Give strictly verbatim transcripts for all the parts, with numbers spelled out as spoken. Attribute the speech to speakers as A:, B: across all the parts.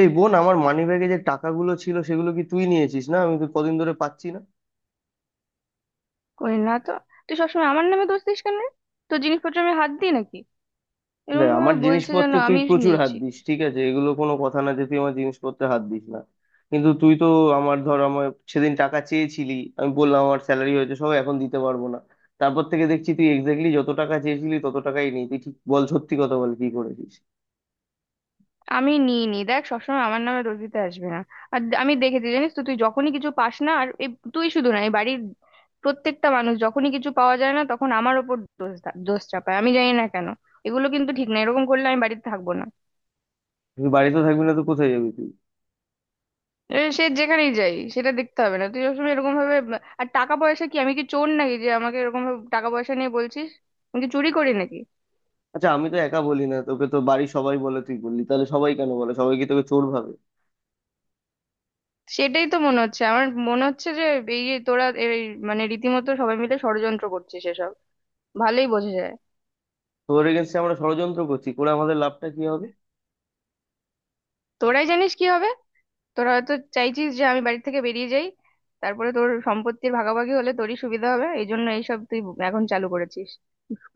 A: এই বোন, আমার মানিব্যাগে যে টাকাগুলো ছিল সেগুলো কি তুই নিয়েছিস? না আমি তো কদিন ধরে পাচ্ছি না।
B: করি না তো। তুই সবসময় আমার নামে দোষ দিস কেন রে? তোর জিনিসপত্র আমি হাত দিই নাকি? এরকম
A: দেখ,
B: ভাবে
A: আমার
B: বলছে যেন
A: জিনিসপত্রে তুই
B: আমি
A: প্রচুর হাত
B: নিয়েছি।
A: দিস, ঠিক আছে? এগুলো কোনো কথা না যে তুই আমার জিনিসপত্রে হাত দিস না। কিন্তু তুই তো আমার, ধর, আমার সেদিন টাকা চেয়েছিলি, আমি বললাম আমার স্যালারি হয়েছে সব এখন দিতে পারবো না। তারপর থেকে দেখছি তুই এক্স্যাক্টলি যত টাকা চেয়েছিলি তত টাকাই নেই। তুই ঠিক বল, সত্যি কথা বল, কি করেছিস?
B: আমি নিই নি, দেখ, সবসময় আমার নামে দোষ দিতে আসবে না। আর দে- আমি দেখেছি, জানিস তো, তুই যখনই কিছু পাস না, আর এই, তুই শুধু না, এই বাড়ির প্রত্যেকটা মানুষ যখনই কিছু পাওয়া যায় না তখন আমার ওপর দোষ দা- দোষ চাপায়। আমি জানি না কেন। এগুলো কিন্তু ঠিক না, এরকম করলে আমি বাড়িতে থাকবো না।
A: তুই বাড়িতে থাকবি না তো কোথায় যাবি তুই?
B: এ, সে যেখানেই যাই সেটা দেখতে হবে না, তুই সবসময় এরকম ভাবে। আর টাকা পয়সা, কি আমি কি চোর নাকি যে আমাকে এরকম ভাবে টাকা পয়সা নিয়ে বলছিস? আমি কি চুরি করি নাকি?
A: আচ্ছা, আমি তো একা বলি না, তোকে তো বাড়ির সবাই বলে। তুই বললি তাহলে সবাই কেন বলে? সবাই কি তোকে চোর ভাবে?
B: সেটাই তো মনে হচ্ছে, আমার মনে হচ্ছে যে এই যে তোরা এই, মানে রীতিমতো সবাই মিলে ষড়যন্ত্র করছিস এসব। ভালোই বোঝা যায়।
A: তোর এগেনস্টে আমরা ষড়যন্ত্র করছি, করে আমাদের লাভটা কি হবে?
B: তোরাই জানিস কি হবে। তোরা হয়তো চাইছিস যে আমি বাড়ি থেকে বেরিয়ে যাই, তারপরে তোর সম্পত্তির ভাগাভাগি হলে তোরই সুবিধা হবে, এই জন্য এইসব তুই এখন চালু করেছিস।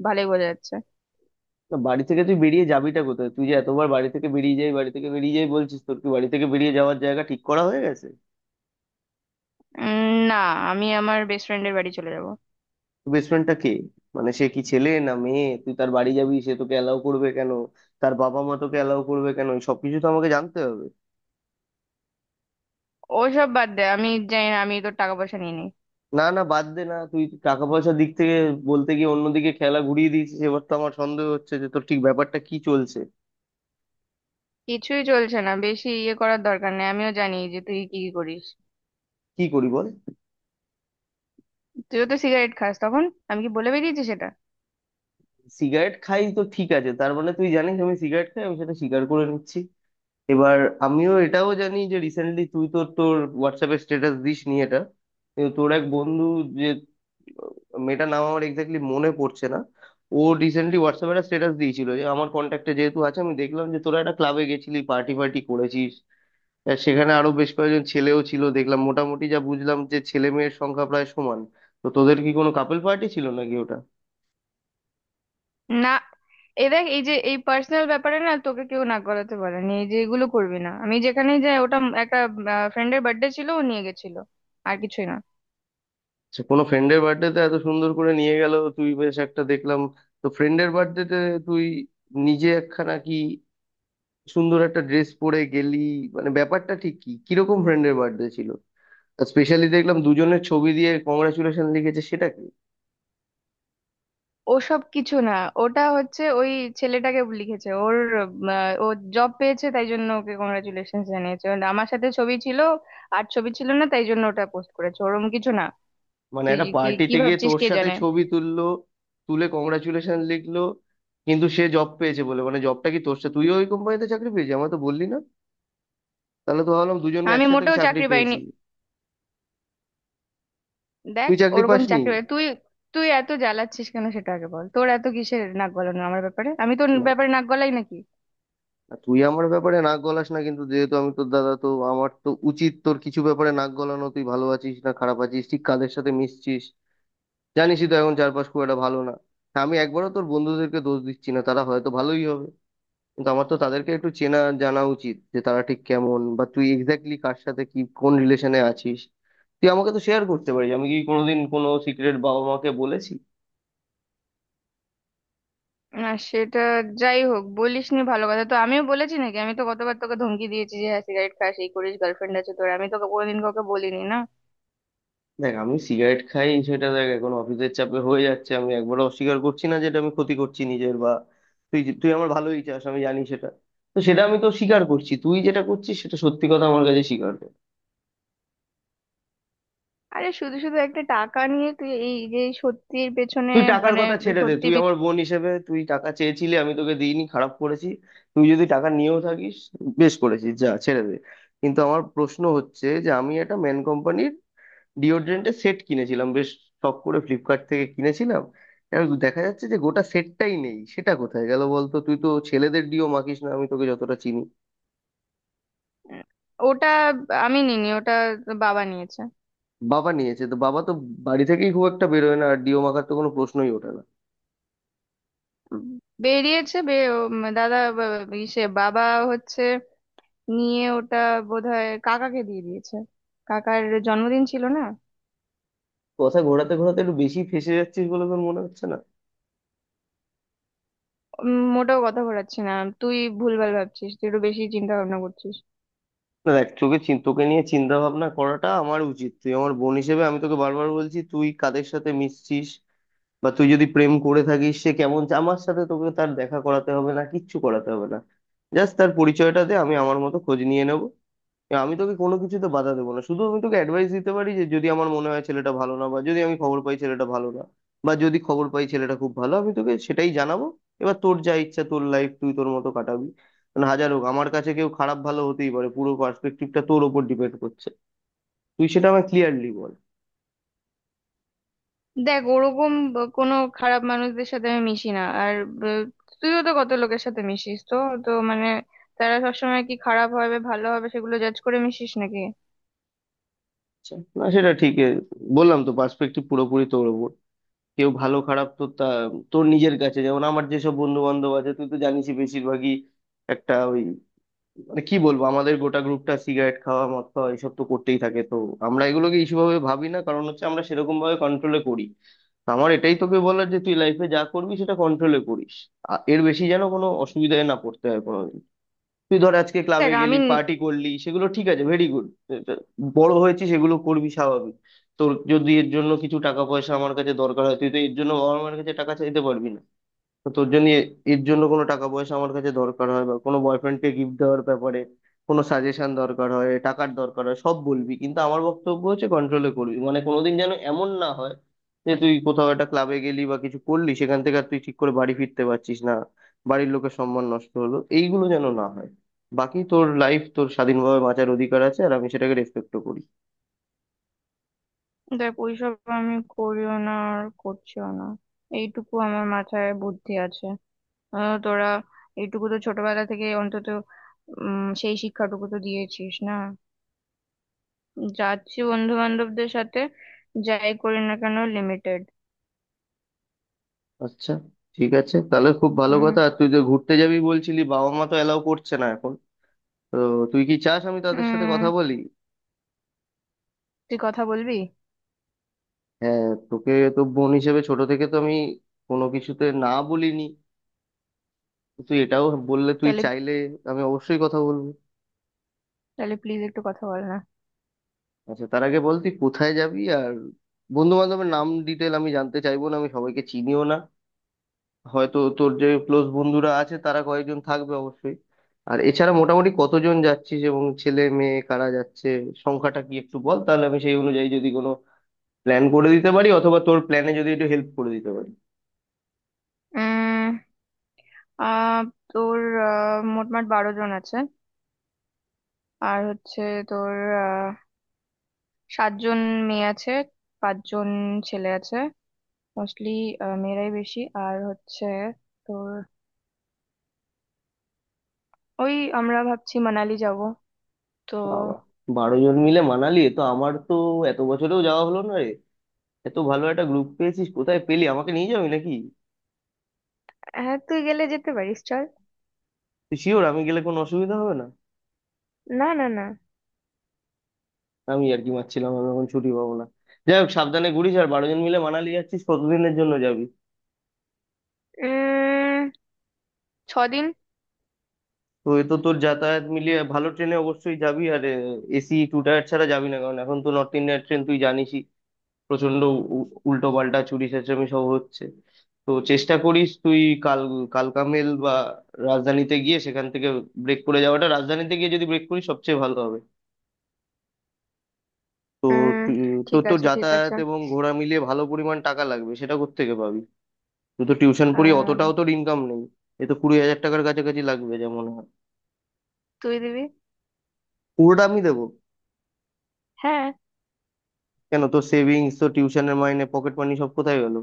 B: ভালোই বোঝা যাচ্ছে।
A: না, বাড়ি থেকে তুই বেরিয়ে যাবিটা কোথায়? তুই যে এতবার বাড়ি থেকে বেরিয়ে যাই, বাড়ি থেকে বেরিয়ে যাই বলছিস, তোর কি বাড়ি থেকে বেরিয়ে যাওয়ার জায়গা ঠিক করা হয়ে গেছে?
B: উম, না। আমি আমার বেস্ট ফ্রেন্ডের বাড়ি চলে যাব।
A: বেসমেন্টটা কে? মানে সে কি ছেলে না মেয়ে? তুই তার বাড়ি যাবি, সে তোকে অ্যালাউ করবে কেন? তার বাবা মা তোকে অ্যালাউ করবে কেন? এই সবকিছু তো আমাকে জানতে হবে।
B: ওসব বাদ দে, আমি জানি না, আমি তোর টাকা পয়সা নিয়ে নিই?
A: না না, বাদ দে না। তুই টাকা পয়সার দিক থেকে বলতে গিয়ে অন্যদিকে খেলা ঘুরিয়ে দিয়েছিস। এবার তো আমার সন্দেহ হচ্ছে যে তোর ঠিক ব্যাপারটা কি চলছে।
B: কিছুই চলছে না, বেশি ইয়ে করার দরকার নেই। আমিও জানি যে তুই কি কি করিস।
A: কি করি বল?
B: তুইও তো সিগারেট খাস তখন। আমি কি বলে বেরিয়েছি সেটা?
A: সিগারেট খাই, তো ঠিক আছে। তার মানে তুই জানিস আমি সিগারেট খাই, আমি সেটা স্বীকার করে নিচ্ছি। এবার আমিও এটাও জানি যে রিসেন্টলি তুই তো তোর হোয়াটসঅ্যাপে স্ট্যাটাস দিস নি এটা, কিন্তু তোর এক বন্ধু, যে, আহ, মেয়েটার নাম আমার এক্স্যাক্টলি মনে পড়ছে না, ও রিসেন্টলি হোয়াটসঅ্যাপে একটা স্ট্যাটাস দিয়েছিল, যে আমার কন্ট্যাক্টে যেহেতু আছে আমি দেখলাম যে তোরা একটা ক্লাবে গেছিলি, পার্টি ফার্টি করেছিস। আর সেখানে আরো বেশ কয়েকজন ছেলেও ছিল দেখলাম, মোটামুটি যা বুঝলাম যে ছেলে মেয়ের সংখ্যা প্রায় সমান। তো তোদের কি কোনো কাপল পার্টি ছিল নাকি ওটা?
B: না, এ দেখ, এই যে এই পার্সোনাল ব্যাপারে না, তোকে কেউ না করাতে পারেনি। এই যে এগুলো করবি না। আমি যেখানেই যাই, ওটা একটা ফ্রেন্ডের বার্থডে ছিল, ও নিয়ে গেছিল। আর কিছুই না।
A: আচ্ছা, কোনো ফ্রেন্ডের বার্থডেতে এত সুন্দর করে নিয়ে গেল, তুই বেশ একটা দেখলাম। তো ফ্রেন্ডের বার্থডেতে তুই নিজে একখানা কি সুন্দর একটা ড্রেস পরে গেলি, মানে ব্যাপারটা ঠিক কি? কিরকম ফ্রেন্ডের বার্থডে ছিল? স্পেশালি দেখলাম দুজনের ছবি দিয়ে কংগ্রাচুলেশন লিখেছে, সেটা কি?
B: ওসব কিছু না, ওটা হচ্ছে ওই ছেলেটাকে লিখেছে। ওর আহ, ও জব পেয়েছে তাই জন্য ওকে কংগ্রাচুলেশন জানিয়েছে। And আমার সাথে ছবি ছিল। আর ছবি ছিল না তাই জন্য ওটা পোস্ট করেছে। ওরম কিছু না।
A: মানে
B: তুই
A: একটা
B: কি কি
A: পার্টিতে গিয়ে
B: ভাবছিস
A: তোর
B: কে
A: সাথে
B: জানে।
A: ছবি তুললো, তুলে কংগ্রাচুলেশন লিখলো, কিন্তু সে জব পেয়েছে বলে, মানে জবটা কি তোর সাথে তুইও ওই কোম্পানিতে চাকরি পেয়েছিস? আমার তো বললি না। তাহলে তো ভাবলাম দুজনে
B: আমি
A: একসাথে
B: মোটেও
A: চাকরি
B: চাকরি পাইনি।
A: পেয়েছি।
B: দেখ,
A: তুই চাকরি
B: ওরকম
A: পাসনি?
B: চাকরি বাকরি- তুই, তুই এত জ্বালাচ্ছিস কেন সেটা আগে বল। তোর এত কিসের নাক গলানো আমার ব্যাপারে? আমি তোর ব্যাপারে নাক গলাই নাকি?
A: আর তুই আমার ব্যাপারে নাক গলাস না, কিন্তু যেহেতু আমি তোর দাদা, তো আমার তো উচিত তোর কিছু ব্যাপারে নাক গলানো। তুই ভালো আছিস না খারাপ আছিস, ঠিক কাদের সাথে মিশছিস, জানিসই তো এখন চারপাশ খুব একটা ভালো না। হ্যাঁ, আমি একবারও তোর বন্ধুদেরকে দোষ দিচ্ছি না, তারা হয়তো ভালোই হবে, কিন্তু আমার তো তাদেরকে একটু চেনা জানা উচিত, যে তারা ঠিক কেমন, বা তুই এক্স্যাক্টলি কার সাথে কি কোন রিলেশনে আছিস। তুই আমাকে তো শেয়ার করতে পারিস। আমি কি কোনোদিন কোনো সিক্রেট বাবা মাকে বলেছি?
B: না সেটা, যাই হোক, বলিস নি ভালো কথা। তো আমিও বলেছি নাকি? আমি তো গতবার তোকে ধমকি দিয়েছি যে হ্যাঁ সিগারেট খাস এই করিস গার্লফ্রেন্ড আছে তোর, আমি তোকে কোনোদিন কাউকে বলিনি না?
A: দেখ, আমি সিগারেট খাই সেটা, দেখ এখন অফিসের চাপে হয়ে যাচ্ছে, আমি একবারও অস্বীকার করছি না, যেটা আমি ক্ষতি করছি নিজের, বা তুই যে- তুই আমার ভালোই চাস আমি জানি সেটা। তো সেটা আমি তো স্বীকার করছি, তুই যেটা করছিস সেটা সত্যি কথা আমার কাছে স্বীকার কর।
B: আরে শুধু শুধু একটা টাকা নিয়ে তুই এই যে সত্যির পেছনে।
A: তুই টাকার
B: মানে
A: কথা ছেড়ে দে,
B: সত্যি
A: তুই আমার
B: মিথ্যে-।
A: বোন হিসেবে তুই টাকা চেয়েছিলি আমি তোকে দিইনি, খারাপ করেছি। তুই যদি টাকা নিয়েও থাকিস বেশ করেছিস, যা ছেড়ে দে। কিন্তু আমার প্রশ্ন হচ্ছে যে আমি একটা মেন কোম্পানির ডিওড্রেন্টের সেট কিনেছিলাম, বেশ শখ করে ফ্লিপকার্ট থেকে কিনেছিলাম। এবার দেখা যাচ্ছে যে গোটা সেটটাই নেই, সেটা কোথায় গেল বলতো? তুই তো ছেলেদের ডিও মাখিস না, আমি তোকে যতটা চিনি।
B: উম, ওটা আমি নিনি, ওটা বাবা নিয়েছে।
A: বাবা নিয়েছে? তো বাবা তো বাড়ি থেকেই খুব একটা বেরোয় না, আর ডিও মাখার তো কোনো প্রশ্নই ওঠে না।
B: উম, বেরিয়েছে বে- উম, দাদা বা- ইসে, বাবা হচ্ছে নিয়ে ওটা, বোধহয় কাকাকে দিয়ে দিয়েছে। কাকার জন্মদিন ছিল না?
A: কথা ঘোরাতে ঘোরাতে একটু বেশি ফেঁসে যাচ্ছিস বলে তোর মনে হচ্ছে না?
B: উম, মোটেও কথা ঘোরাচ্ছি না। তুই ভুলভাল ভাবছিস, তুই একটু বেশি চিন্তা ভাবনা করছিস।
A: না দেখ, তোকে চিন- তোকে নিয়ে চিন্তা ভাবনা করাটা আমার উচিত, তুই আমার বোন হিসেবে। আমি তোকে বারবার বলছি তুই কাদের সাথে মিশছিস, বা তুই যদি প্রেম করে থাকিস সে কেমন চা- আমার সাথে তোকে তার দেখা করাতে হবে না, কিচ্ছু করাতে হবে না, জাস্ট তার পরিচয়টা দে, আমি আমার মতো খোঁজ নিয়ে নেবো। এবার আমি তোকে কোনো কিছুতে বাধা দেবো না, শুধু আমি তোকে অ্যাডভাইস দিতে পারি যে যদি আমার মনে হয় ছেলেটা ভালো না, বা যদি আমি খবর পাই ছেলেটা ভালো না, বা যদি খবর পাই ছেলেটা খুব ভালো, আমি তোকে সেটাই জানাবো। এবার তোর যা ইচ্ছা, তোর লাইফ তুই তোর মতো কাটাবি। মানে হাজার হোক, আমার কাছে কেউ খারাপ ভালো হতেই পারে, পুরো পার্সপেক্টিভটা তোর ওপর ডিপেন্ড করছে। তুই সেটা আমায় ক্লিয়ারলি বল।
B: দেখ ওরকম ব- কোনো খারাপ মানুষদের সাথে আমি মিশি না। আর ব- তুইও তো কত লোকের সাথে মিশিস তো, তো মানে, তারা সবসময় কি খারাপ হবে ভালো হবে সেগুলো জাজ করে মিশিস নাকি?
A: আচ্ছা, না সেটা ঠিক এ, বললাম তো, পার্সপেক্টিভ পুরোপুরি তোর ওপর। কেউ ভালো খারাপ তো তা তোর নিজের কাছে, যেমন আমার যেসব বন্ধু বান্ধব আছে তুই তো জানিসই, বেশিরভাগই একটা ওই, মানে কি বলবো, আমাদের গোটা গ্রুপটা সিগারেট খাওয়া মদ খাওয়া এসব তো করতেই থাকে, তো আমরা এগুলোকে ইস্যু ভাবে ভাবি না, কারণ হচ্ছে আমরা সেরকম ভাবে কন্ট্রোলে করি। তো আমার এটাই তোকে বলার, যে তুই লাইফে যা করবি সেটা কন্ট্রোলে করিস। আ- এর বেশি যেন কোনো অসুবিধায় না পড়তে হয় কোনো। তুই ধর আজকে ক্লাবে
B: দেখ
A: গেলি,
B: আমি ন-
A: পার্টি করলি, সেগুলো ঠিক আছে, ভেরি গুড। বড় হয়েছিস, সেগুলো করবি, স্বাভাবিক। তোর যদি এর জন্য কিছু টাকা পয়সা আমার কাছে দরকার হয়, তুই তো এর জন্য বাবা মার কাছে টাকা চাইতে পারবি না। তো তোর জন্য এ- এর জন্য কোনো টাকা পয়সা আমার কাছে দরকার হয়, বা কোনো বয়ফ্রেন্ডকে গিফট দেওয়ার ব্যাপারে কোনো সাজেশন দরকার হয়, টাকার দরকার হয়, সব বলবি। কিন্তু আমার বক্তব্য হচ্ছে কন্ট্রোলে করবি, মানে কোনোদিন যেন এমন না হয় যে তুই কোথাও একটা ক্লাবে গেলি বা কিছু করলি, সেখান থেকে আর তুই ঠিক করে বাড়ি ফিরতে পারছিস না, বাড়ির লোকের সম্মান নষ্ট হলো, এইগুলো যেন না হয়। বাকি তোর লাইফ, তোর স্বাধীনভাবে বাঁচার অধিকার আছে, আর আমি সেটাকে রেসপেক্টও করি।
B: দেখ ওইসব আমি করিও না আর করছিও না। এইটুকু আমার মাথায় বুদ্ধি আছে। আহ, তোরা এইটুকু তো ছোটবেলা থেকে অন্তত উম সেই শিক্ষাটুকু তো দিয়েছিস না। যাচ্ছি বন্ধু বান্ধবদের সাথে, যাই করি না কেন লিমিটেড।
A: আচ্ছা, ঠিক আছে, তাহলে খুব ভালো
B: হুম।
A: কথা। আর তুই যে ঘুরতে যাবি বলছিলি, বাবা মা তো এলাও করছে না এখন। তো তুই কি চাস আমি তাদের সাথে কথা
B: উম
A: বলি?
B: তুই কথা বলবি?
A: হ্যাঁ, তোকে তো বোন হিসেবে ছোট থেকে তো আমি কোনো কিছুতে না বলিনি। তুই এটাও বললে, তুই
B: তাহলে,
A: চাইলে আমি অবশ্যই কথা বলবো।
B: তাহলে প্লিজ একটু কথা বল না।
A: আচ্ছা, তার আগে বল তুই কোথায় যাবি আর বন্ধু বান্ধবের নাম ডিটেল আমি জানতে চাইবো না, আমি সবাইকে চিনিও না, হয়তো তোর যে ক্লোজ বন্ধুরা আছে তারা কয়েকজন থাকবে অবশ্যই। আর এছাড়া মোটামুটি কতজন যাচ্ছিস এবং ছেলে মেয়ে কারা যাচ্ছে, সংখ্যাটা কি একটু বল, তাহলে আমি সেই অনুযায়ী যদি কোনো প্ল্যান করে দিতে পারি, অথবা তোর প্ল্যানে যদি একটু হেল্প করে দিতে পারি।
B: উম আহ তোর আহ, মোটমাট বারো জন আছে। আর হচ্ছে তোর আহ, সাতজন মেয়ে আছে, পাঁচজন ছেলে আছে। মোস্টলি মেয়েরাই বেশি। আর হচ্ছে তোর ওই আমরা ভাবছি মানালি যাব তো।
A: বাবা, বারো জন মিলে মানালি! এ তো আমার তো এত বছরেও যাওয়া হলো না রে। এত ভালো একটা গ্রুপ পেয়েছিস, কোথায় পেলি? আমাকে নিয়ে যাবি নাকি?
B: হ্যাঁ তুই গেলে যেতে পারিস, চল।
A: তুই শিওর আমি গেলে কোনো অসুবিধা হবে না?
B: না না না।
A: আমি আর কি মারছিলাম, আমি এখন ছুটি পাবো না। যাই হোক, সাবধানে ঘুরিস। আর বারো জন মিলে মানালি যাচ্ছিস, কতদিনের জন্য যাবি?
B: উম ছদিন।
A: তো এ তো তোর যাতায়াত মিলিয়ে ভালো ট্রেনে অবশ্যই যাবি, আর এসি টু টায়ার ছাড়া যাবি না, কারণ এখন তো নর্থ ইন্ডিয়ান ট্রেন তুই জানিসই প্রচন্ড উল্টো পাল্টা চুরি চেঁচামি সব হচ্ছে। তো চেষ্টা করিস তুই কাল কালকামেল বা রাজধানীতে গিয়ে সেখান থেকে ব্রেক করে যাওয়াটা, রাজধানীতে গিয়ে যদি ব্রেক করিস সবচেয়ে ভালো হবে। তো
B: উম
A: তু- তোর
B: ঠিক
A: তো
B: আছে, ঠিক
A: যাতায়াত
B: আছে।
A: এবং ঘোরা মিলিয়ে ভালো পরিমাণ টাকা লাগবে, সেটা কোত্থেকে পাবি? তুই তো টিউশন পড়ি, অতটাও
B: আহ
A: তোর ইনকাম নেই। এ তো কুড়ি হাজার টাকার কাছাকাছি লাগবে যেমন হয়।
B: তুই দিবি?
A: পুরোটা আমি দেবো?
B: হ্যাঁ।
A: কেন, তোর সেভিংস তো, টিউশনের মাইনে, পকেট মানি, সব কোথায় গেল?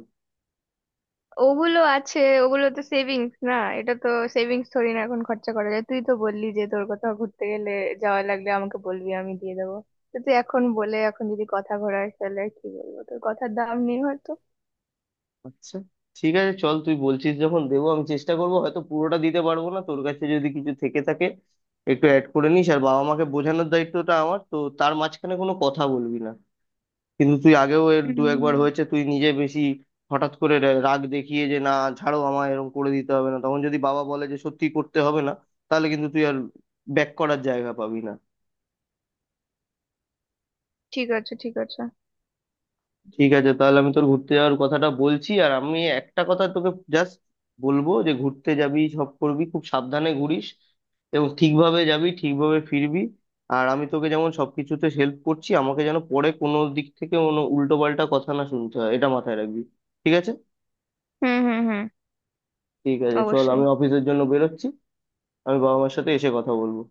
B: ওগুলো আছে, ওগুলো তো সেভিংস না। এটা তো সেভিংস থোড়ি না এখন খরচা করা যায়। তুই তো বললি যে তোর কোথাও ঘুরতে গেলে যাওয়া লাগলে আমাকে বলবি, আমি দিয়ে দেবো। তো তুই এখন বলে এখন যদি কথা ঘোরাস তাহলে আর কি বলবো। তোর কথার দাম নেই হয়তো।
A: আচ্ছা, ঠিক আছে, চল, তুই বলছিস যখন দেবো। আমি চেষ্টা করবো, হয়তো পুরোটা দিতে পারবো না, তোর কাছে যদি কিছু থেকে থাকে একটু অ্যাড করে নিস। আর বাবা মাকে বোঝানোর দায়িত্বটা আমার, তো তার মাঝখানে কোনো কথা বলবি না। কিন্তু তুই আগেও এর দু একবার
B: হুম,
A: হয়েছে তুই নিজে বেশি হঠাৎ করে রা- রাগ দেখিয়ে যে না, ছাড়ো আমায়, এরকম করে দিতে হবে না, তখন যদি বাবা বলে যে সত্যি করতে হবে না, তাহলে কিন্তু তুই আর ব্যাক করার জায়গা পাবি না।
B: ঠিক আছে, ঠিক আছে।
A: ঠিক আছে, তাহলে আমি তোর ঘুরতে যাওয়ার কথাটা বলছি। আর আমি একটা কথা তোকে জাস্ট বলবো, যে ঘুরতে যাবি, সব করবি, খুব সাবধানে ঘুরিস, এবং ঠিকভাবে যাবি ঠিকভাবে ফিরবি। আর আমি তোকে যেমন সবকিছুতে হেল্প করছি, আমাকে যেন পরে কোনো দিক থেকে কোনো উল্টো পাল্টা কথা না শুনতে হয়, এটা মাথায় রাখবি। ঠিক আছে?
B: হুম হুম হুম।
A: ঠিক আছে চল,
B: অবশ্যই।
A: আমি অফিসের জন্য বেরোচ্ছি। আমি বাবা মার সাথে এসে কথা বলবো।